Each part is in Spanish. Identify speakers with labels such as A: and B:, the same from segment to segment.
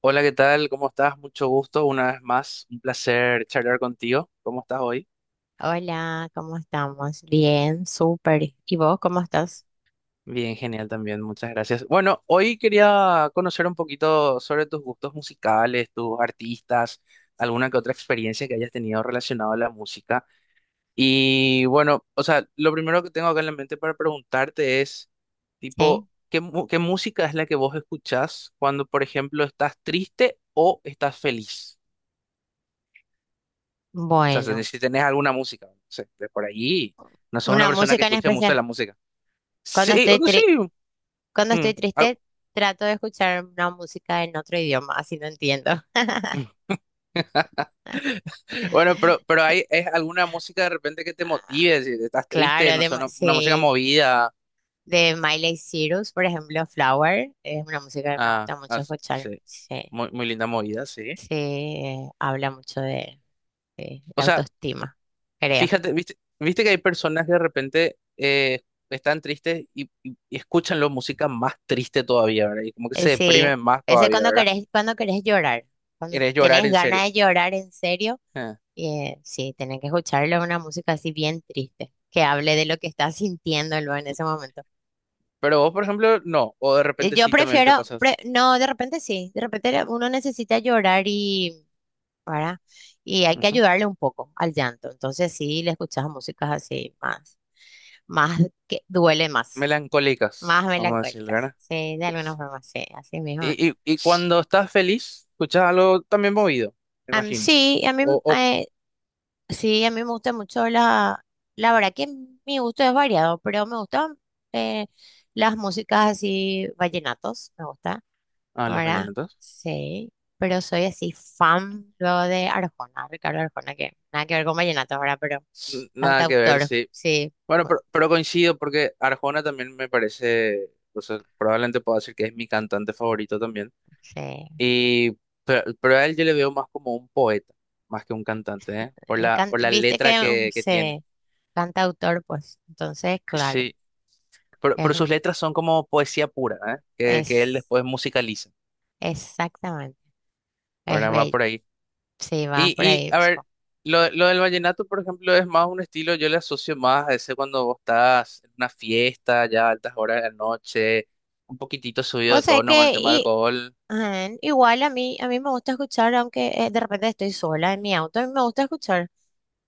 A: Hola, ¿qué tal? ¿Cómo estás? Mucho gusto, una vez más, un placer charlar contigo. ¿Cómo estás hoy?
B: Hola, ¿cómo estamos? Bien, súper. ¿Y vos cómo estás?
A: Bien, genial también, muchas gracias. Bueno, hoy quería conocer un poquito sobre tus gustos musicales, tus artistas, alguna que otra experiencia que hayas tenido relacionado a la música. Y bueno, o sea, lo primero que tengo acá en la mente para preguntarte es,
B: Sí.
A: tipo, ¿qué música es la que vos escuchás cuando, por ejemplo, estás triste o estás feliz? O sea, si
B: Bueno,
A: si tenés alguna música, no sé, de por allí, no sos una
B: una
A: persona que
B: música en
A: escuche mucho
B: especial.
A: la música.
B: Cuando
A: Sí,
B: estoy
A: no sí.
B: tri- cuando estoy
A: mm, al-
B: triste, trato de escuchar una música en otro idioma, así no entiendo.
A: Bueno, pero hay, es alguna música de repente que te motive, si estás triste,
B: Claro,
A: no sé, una música
B: sí,
A: movida,
B: de Miley Cyrus, por ejemplo, Flower, es una música que me
A: ah,
B: gusta mucho
A: ah,
B: escuchar.
A: sí,
B: Sí,
A: muy, muy linda movida, sí.
B: sí, habla mucho de
A: O
B: la
A: sea,
B: autoestima, creo.
A: fíjate, viste, viste que hay personas que de repente están tristes y escuchan la música más triste todavía, ¿verdad? Y como que se
B: Sí,
A: deprimen más
B: ese
A: todavía,
B: cuando
A: ¿verdad?
B: querés, cuando querés llorar, cuando
A: Quieres llorar
B: tenés
A: en serio.
B: ganas de llorar en serio,
A: Ah.
B: sí, tenés que escucharle una música así bien triste, que hable de lo que estás sintiendo luego en ese momento.
A: Pero vos, por ejemplo, no. O de repente
B: Yo
A: sí también te
B: prefiero,
A: pasas.
B: no, de repente sí, uno necesita llorar y, ¿verdad? Y hay que
A: Ujú.
B: ayudarle un poco al llanto, entonces sí, le escuchas músicas así más, más que duele más,
A: Melancólicas,
B: más
A: vamos a decir,
B: melancólicas,
A: ¿verdad?
B: sí, de alguna forma, sí, así mismo.
A: Y cuando estás feliz, escuchas algo también movido, me
B: Am,
A: imagino.
B: sí, a mí
A: O...
B: eh, Sí, a mí me gusta mucho la verdad que mi gusto es variado, pero me gustan eh, las músicas así, vallenatos, me gusta,
A: Ah, los
B: ¿verdad?
A: vallenatos.
B: Sí, pero soy así fan luego de Arjona, Ricardo Arjona, que nada que ver con vallenatos, ¿verdad? Pero
A: N- Nada que ver,
B: cantautor,
A: sí.
B: sí,
A: Bueno,
B: bueno,
A: pero coincido porque Arjona también me parece, o sea, probablemente puedo decir que es mi cantante favorito también.
B: sí.
A: Y, pero a él yo le veo más como un poeta, más que un cantante, ¿eh? Por la, por la
B: Viste
A: letra
B: que
A: que tiene.
B: se cantautor, pues, entonces, claro,
A: Sí, Pero,
B: es,
A: pero
B: un-
A: sus letras son como poesía pura, ¿eh? Que él
B: es
A: después musicaliza,
B: exactamente, es
A: ¿verdad? Va
B: bello,
A: por ahí.
B: sí, vas
A: Y,
B: por
A: y
B: ahí.
A: a ver, lo del vallenato, por ejemplo, es más un estilo, yo le asocio más a ese cuando vos estás en una fiesta, ya a altas horas de la noche, un poquitito subido
B: O
A: de
B: sea
A: tono con
B: que
A: el tema del
B: y,
A: alcohol,
B: ajá, igual a mí me gusta escuchar, aunque de repente estoy sola en mi auto, a mí me gusta escuchar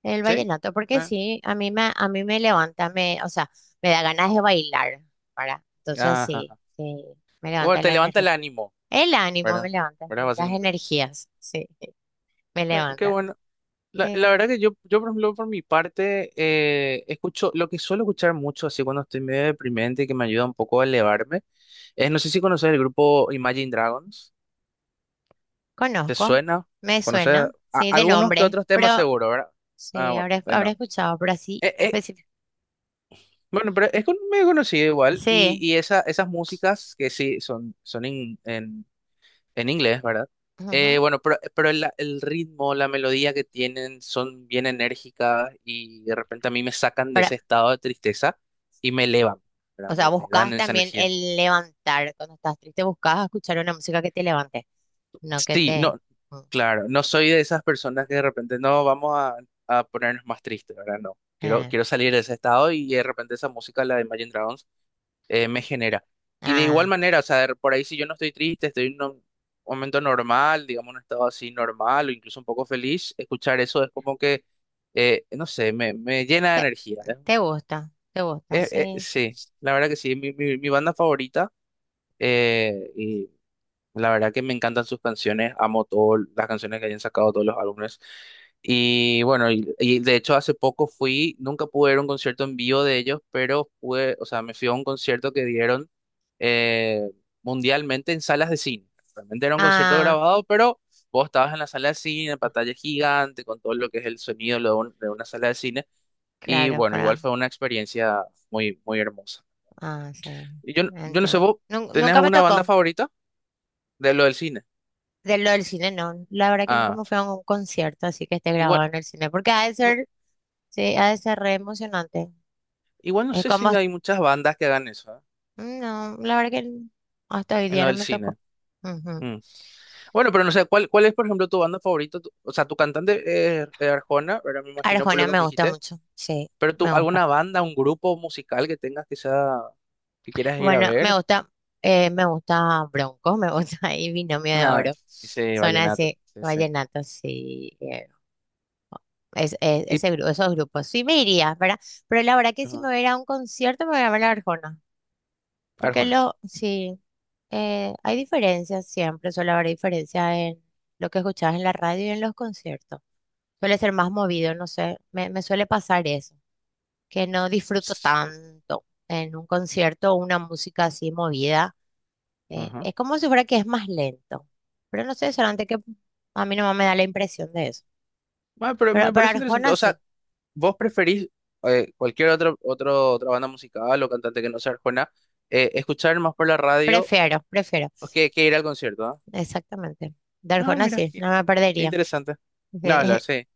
B: el
A: ¿sí?
B: vallenato, porque
A: ¿Eh?
B: sí, a mí me levanta, o sea, me da ganas de bailar, para. Entonces sí,
A: Ajá.
B: sí, me
A: Bueno,
B: levanta
A: te
B: la
A: levanta
B: energía.
A: el ánimo,
B: El ánimo me
A: ¿verdad?
B: levanta,
A: ¿Verdad?
B: sí, las
A: Básicamente.
B: energías, sí, me
A: Qué
B: levanta.
A: bueno. La
B: Sí,
A: verdad que yo, por ejemplo, por mi parte, escucho, lo que suelo escuchar mucho, así cuando estoy medio deprimente y que me ayuda un poco a elevarme, es, no sé si conoces el grupo Imagine Dragons, ¿te
B: conozco,
A: suena?
B: me
A: ¿Conoces
B: suena,
A: a-
B: sí, de
A: algunos que
B: nombre,
A: otros temas
B: pero
A: seguro, ¿verdad? Ah,
B: sí,
A: bueno,
B: habré,
A: de
B: habré
A: no.
B: escuchado, pero así
A: Eh, eh,
B: específico.
A: bueno, pero es con- medio conocido igual,
B: Sí,
A: y esa, esas músicas que sí, son, son en inglés, ¿verdad?
B: ujú,
A: Bueno, pero el ritmo, la melodía que tienen son bien enérgicas y de repente a mí me sacan de ese
B: para-
A: estado de tristeza y me elevan, ¿verdad?
B: O sea,
A: Me dan
B: buscas
A: esa
B: también
A: energía.
B: el levantar. Cuando estás triste, buscas escuchar una música que te levante, no que
A: Sí,
B: te...
A: no,
B: Mm,
A: claro, no soy de esas personas que de repente no vamos a ponernos más tristes, ¿verdad? No, quiero,
B: ah,
A: quiero salir de ese estado y de repente esa música, la de Imagine Dragons. Me genera. Y de igual
B: ah,
A: manera, o sea, de- por ahí si yo no estoy triste, estoy en un momento normal, digamos, un estado así normal o incluso un poco feliz, escuchar eso es como que, no sé, me llena de
B: te,
A: energía. ¿Eh?
B: te gusta, te gusta, sí.
A: Sí, la verdad que sí, mi banda favorita. eh, la verdad que me encantan sus canciones, amo todas las canciones que hayan sacado, todos los álbumes. Y bueno, y de hecho hace poco fui, nunca pude ir a un concierto en vivo de ellos, pero pude, o sea, me fui a un concierto que dieron eh, mundialmente en salas de cine. Realmente era un concierto
B: Ah,
A: grabado, pero vos estabas en la sala de cine, pantalla gigante, con todo lo que es el sonido lo de un- de una sala de cine. Y
B: claro,
A: bueno, igual
B: para...
A: fue una experiencia muy, muy hermosa.
B: Ah, sí,
A: Y yo, no- yo no sé,
B: entiendo.
A: ¿vos
B: Nun-
A: tenés
B: nunca me
A: alguna banda
B: tocó
A: favorita de lo del cine?
B: de lo del cine, no. La verdad que nunca
A: Ah.
B: me fui a un concierto así que esté grabado
A: Igual,
B: en el cine, porque ha de
A: no,
B: ser, sí, ha de ser re emocionante.
A: igual no
B: Es
A: sé si
B: como...
A: hay muchas bandas que hagan eso, ¿eh?
B: No, la verdad que hasta hoy
A: En
B: día
A: lo
B: no
A: del
B: me
A: cine.
B: tocó. Ujú.
A: Mm. Bueno, pero no sé, ¿cuál, cuál es, por ejemplo, tu banda favorita? Tu- o sea, tu cantante es Arjona, pero me imagino por
B: Arjona
A: lo que
B: me
A: me
B: gusta
A: dijiste.
B: mucho, sí,
A: Pero tú,
B: me gusta.
A: ¿alguna banda, un grupo musical que tengas que sea, que quieras ir a
B: Bueno,
A: ver?
B: me gusta Bronco, me gusta y Binomio de
A: Ah,
B: Oro.
A: ese
B: Son
A: vallenato,
B: así,
A: sí, sí.
B: vallenatos y
A: Tip,
B: ese, esos grupos. Sí me iría, ¿verdad? Pero la verdad que si me
A: ajá,
B: voy a ir a un concierto me voy a ver la Arjona. Porque
A: Arjona.
B: sí, hay diferencias siempre, suele haber diferencia en lo que escuchas en la radio y en los conciertos. Suele ser más movido, no sé, me suele pasar eso, que no disfruto
A: Ps,
B: tanto en un concierto una música así movida.
A: ajá.
B: Es como si fuera que es más lento. Pero no sé, solamente que a mí no me da la impresión de eso.
A: Ah, pero
B: Pero
A: me
B: para
A: parece interesante.
B: Arjona
A: O
B: sí,
A: sea, ¿vos preferís cualquier otra banda musical o cantante que no sea Arjona, escuchar más por la radio
B: prefiero, prefiero.
A: que ir al concierto? ¿ah?
B: Exactamente. De
A: Ah,
B: Arjona
A: mira,
B: sí,
A: qué
B: no me perdería.
A: interesante. No, hablar,
B: De-
A: sí.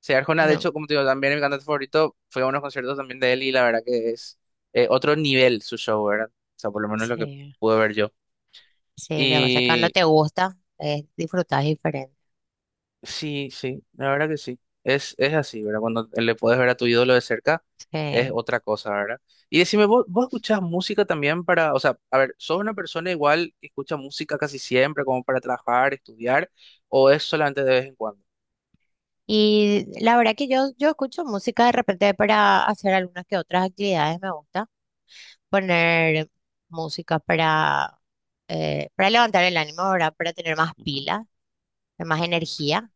A: Sí, Arjona, de
B: no,
A: hecho, como te digo, también es mi cantante favorito fue a unos conciertos también de él y la verdad que es otro nivel su show, ¿verdad? O sea, por lo menos lo que
B: sí,
A: pude ver yo.
B: sí, lo que pasa es que cuando
A: Y
B: te gusta, disfrutas diferente.
A: sí, sí, la verdad que sí. Es así, ¿verdad? Cuando le puedes ver a tu ídolo de cerca, es
B: Sí.
A: otra cosa, ¿verdad? Y decime, ¿vos, vos escuchás música también para, o sea, a ver, ¿sos una persona igual que escucha música casi siempre, como para trabajar, estudiar, o es solamente de vez en cuando?
B: Y la verdad que yo escucho música de repente para hacer algunas que otras actividades, me gusta poner música para levantar el ánimo, ¿verdad? Para tener más
A: Ujú.
B: pila, más energía.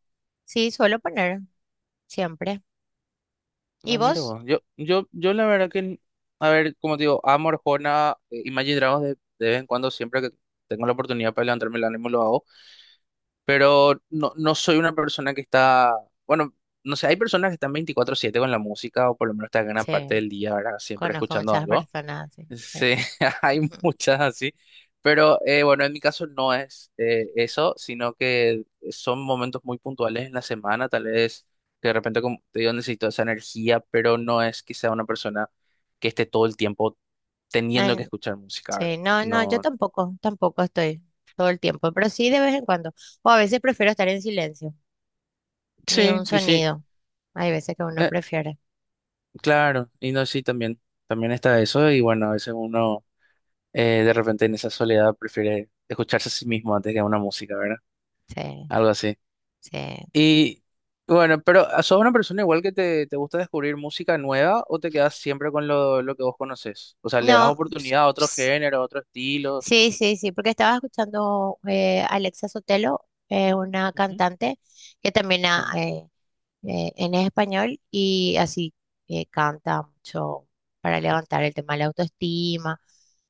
B: Sí, suelo poner siempre. ¿Y
A: Ah, mira
B: vos?
A: vos. Yo la verdad que, n- a ver, como te digo, amo Arjona, Imagine Dragons de vez en cuando, siempre que tengo la oportunidad para levantarme el ánimo lo hago, pero no, no soy una persona que está, bueno, no sé, hay personas que están 24/7 con la música o por lo menos están gran
B: Sí,
A: parte del día, ¿verdad? Siempre
B: conozco
A: escuchando
B: muchas
A: algo.
B: personas, sí.
A: Sí, hay
B: Ujú.
A: muchas así, pero bueno, en mi caso no es eso, sino que son momentos muy puntuales en la semana, tal vez que de repente, como te digo, necesito esa energía, pero no es que sea una persona que esté todo el tiempo teniendo que
B: En-
A: escuchar música,
B: sí,
A: ¿verdad?
B: no, no, yo
A: No,
B: tampoco, tampoco estoy todo el tiempo, pero sí de vez en cuando. O a veces prefiero estar en silencio, ni
A: sí,
B: un
A: y sí,
B: sonido. Hay veces que uno
A: eh,
B: prefiere.
A: claro, y no, sí, también, también está eso, y bueno, a veces uno de repente en esa soledad prefiere escucharse a sí mismo antes que a una música, ¿verdad?
B: Sí,
A: Algo así.
B: sí.
A: Y bueno, pero ¿ah, ¿sos una persona igual que te gusta descubrir música nueva o te quedas siempre con lo que vos conoces? O sea, ¿le das
B: No,
A: oportunidad a otros géneros, a otros estilos?
B: sí, sí, sí, porque estaba escuchando Alexa Sotelo, una
A: Ujú,
B: cantante que también ha,
A: ujú.
B: en español y así canta mucho para levantar el tema de la autoestima.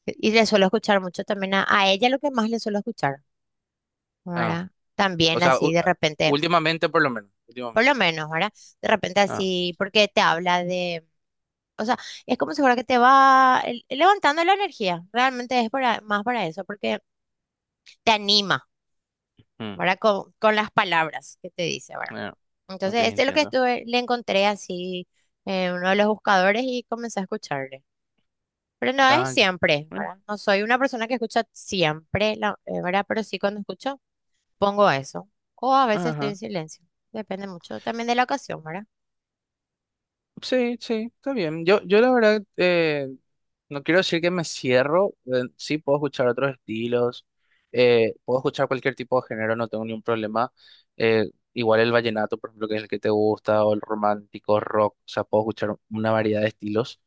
B: Y le suelo escuchar mucho también a ella lo que más le suelo escuchar,
A: Ah,
B: ¿verdad?
A: o
B: También
A: sea,
B: así
A: u-
B: de repente,
A: últimamente por lo menos,
B: por
A: últimamente.
B: lo menos, ¿verdad? De repente
A: Ah,
B: así, porque te habla de, o sea, es como si fuera que te va levantando la energía, realmente es para, más para eso, porque te anima,
A: mm,
B: ¿verdad? Con las palabras que te dice, ¿verdad?
A: ah, ok,
B: Entonces, este es lo que
A: entiendo.
B: estuve, le encontré así en uno de los buscadores y comencé a escucharle. Pero no es
A: Ah, ya.
B: siempre,
A: Bueno,
B: ¿verdad? No soy una persona que escucha siempre, ¿verdad? Pero sí cuando escucho, pongo eso. O a veces estoy en
A: ajá.
B: silencio. Depende mucho también de la ocasión, ¿verdad?
A: Sí, sí, está bien. Yo la verdad, no quiero decir que me cierro, sí puedo escuchar otros estilos, puedo escuchar cualquier tipo de género, no tengo ningún problema. Eh, igual el vallenato, por ejemplo, que es el que te gusta, o el romántico, rock, o sea, puedo escuchar una variedad de estilos.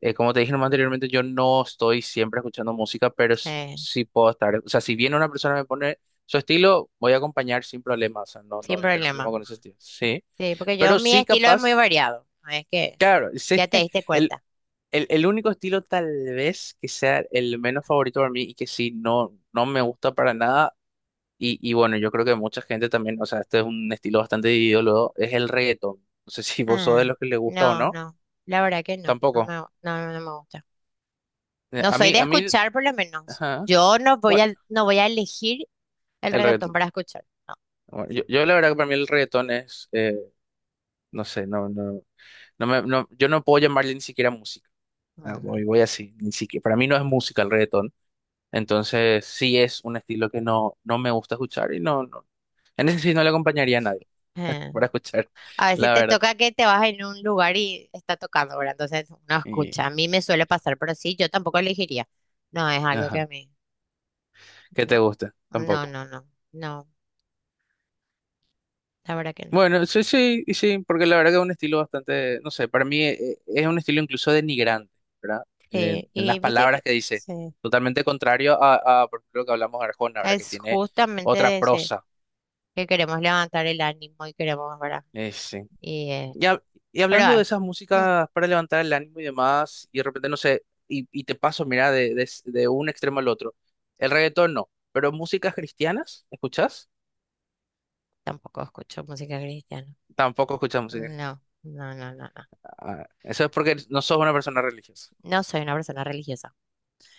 A: Como te dije nomás anteriormente, yo no estoy siempre escuchando música, pero s-
B: Eh,
A: sí puedo estar, o sea, si viene una persona y me pone su estilo, voy a acompañar sin problemas, o sea, no, no
B: Sin
A: voy a tener problema
B: problema.
A: con ese estilo. Sí.
B: Sí, porque
A: Pero
B: mi
A: sí
B: estilo es muy
A: capaz,
B: variado. No es que
A: claro, sí.
B: ya te diste
A: El,
B: cuenta.
A: el único estilo tal vez que sea el menos favorito para mí y que sí, no, no me gusta para nada. Y bueno, yo creo que mucha gente también, o sea, este es un estilo bastante dividido luego, es el reggaetón. No sé si vos sos de
B: Ah,
A: los que le gusta o
B: no,
A: no.
B: no. La verdad que no.
A: Tampoco.
B: No, no me gusta. No
A: A
B: soy
A: mí,
B: de
A: a mí,
B: escuchar, por lo menos.
A: ajá.
B: Yo no voy
A: Bueno,
B: a, no voy a elegir el
A: el
B: reggaetón
A: reggaetón.
B: para escuchar. No.
A: Bueno, yo la verdad que para mí el reggaetón es, no sé, no, no, no me, no, yo no puedo llamarle ni siquiera música. Ah,
B: Ujú.
A: voy, voy así, ni siquiera. Para mí no es música el reggaetón. Entonces, sí es un estilo que no, no me gusta escuchar y no, no, en ese sí no le acompañaría a nadie
B: Eh,
A: para escuchar,
B: A veces
A: la
B: te
A: verdad.
B: toca que te vas en un lugar y está tocando, ¿verdad? Entonces uno
A: Y,
B: escucha. A mí me suele pasar, pero sí, yo tampoco elegiría. No, es algo que
A: ajá,
B: a mí.
A: qué
B: No,
A: te gusta,
B: no,
A: tampoco.
B: no, no. No, la verdad que no.
A: Bueno, sí, sí, y sí, porque la verdad que es un estilo bastante, no sé, para mí es, un estilo incluso denigrante, ¿verdad?
B: Sí,
A: En
B: y
A: las
B: viste
A: palabras
B: que
A: que dice,
B: sí,
A: totalmente contrario a, por ejemplo, lo que hablamos de Arjona, ¿verdad? Que
B: es
A: tiene
B: justamente
A: otra
B: de ese
A: prosa.
B: que queremos levantar el ánimo y queremos, ¿verdad?
A: Sí.
B: Y,
A: Y, hab- y
B: pero
A: hablando de esas
B: mm,
A: músicas para levantar el ánimo y demás, y de repente, no sé, y te paso, mira, de un extremo al otro. El reggaetón no, pero músicas cristianas, ¿escuchás?
B: tampoco escucho música cristiana.
A: Tampoco escuchas música cristiana.
B: No, no, no, no, no.
A: Ah, eso es porque no sos una persona religiosa.
B: No soy una persona religiosa.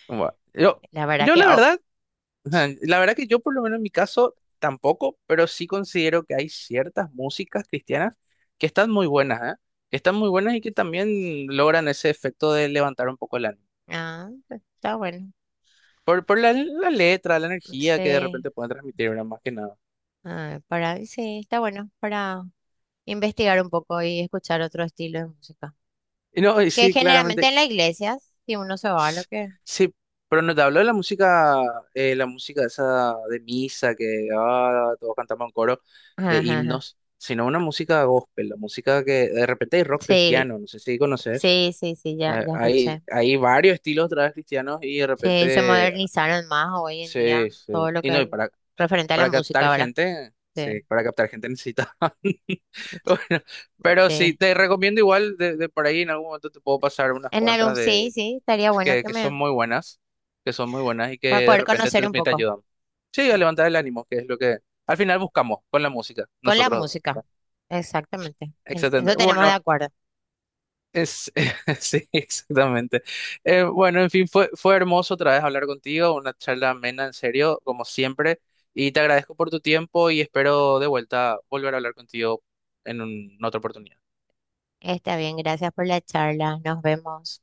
A: Bueno, yo,
B: La verdad
A: yo
B: que,
A: la
B: oh,
A: verdad, ajá, la verdad que yo por lo menos en mi caso tampoco, pero sí considero que hay ciertas músicas cristianas que están muy buenas, ¿eh? Que están muy buenas y que también logran ese efecto de levantar un poco el ánimo.
B: ah, pues, está bueno.
A: Por la, la letra, la energía que de
B: Sí,
A: repente pueden transmitir, ¿verdad? Más que nada.
B: sí, está bueno para investigar un poco y escuchar otro estilo de música.
A: Y no, y
B: Que
A: sí,
B: generalmente
A: claramente.
B: en las iglesias, si uno se va, a lo
A: S-
B: que...
A: Sí, pero no te hablo de la música esa de misa, que ah, todos cantamos en coro,
B: Ajá,
A: de
B: ajá, ajá.
A: himnos, sino una música gospel, la música que de repente hay rock
B: Sí,
A: cristiano, no sé si conoces.
B: sí, sí, sí, ya, ya
A: Hay,
B: escuché.
A: hay varios estilos de trap cristianos y de
B: Sí, se
A: repente.
B: modernizaron más hoy en
A: Sí,
B: día
A: sí.
B: todo lo
A: Y
B: que
A: no, y
B: es
A: para.
B: referente a la
A: Para captar
B: música, ¿verdad?
A: gente, sí,
B: Sí,
A: para captar gente necesita. Bueno, pero sí,
B: sí.
A: te recomiendo igual de por ahí en algún momento te puedo pasar unas
B: En
A: cuantas
B: algún, sí,
A: de
B: sí, estaría bueno que
A: que son
B: me...
A: muy buenas, que son muy buenas y que
B: para
A: de
B: poder
A: repente
B: conocer
A: te,
B: un
A: te
B: poco,
A: ayudan. Sí, a
B: sí,
A: levantar el ánimo, que es lo que al final buscamos con la música,
B: con la
A: nosotros dos.
B: música.
A: ¿Verdad?
B: Exactamente.
A: Excelente.
B: Eso tenemos de
A: Bueno,
B: acuerdo.
A: es, sí, exactamente. Bueno, en fin, fue, fue hermoso otra vez hablar contigo, una charla amena, en serio, como siempre, y te agradezco por tu tiempo y espero de vuelta volver a hablar contigo en un- en otra oportunidad.
B: Está bien, gracias por la charla. Nos vemos.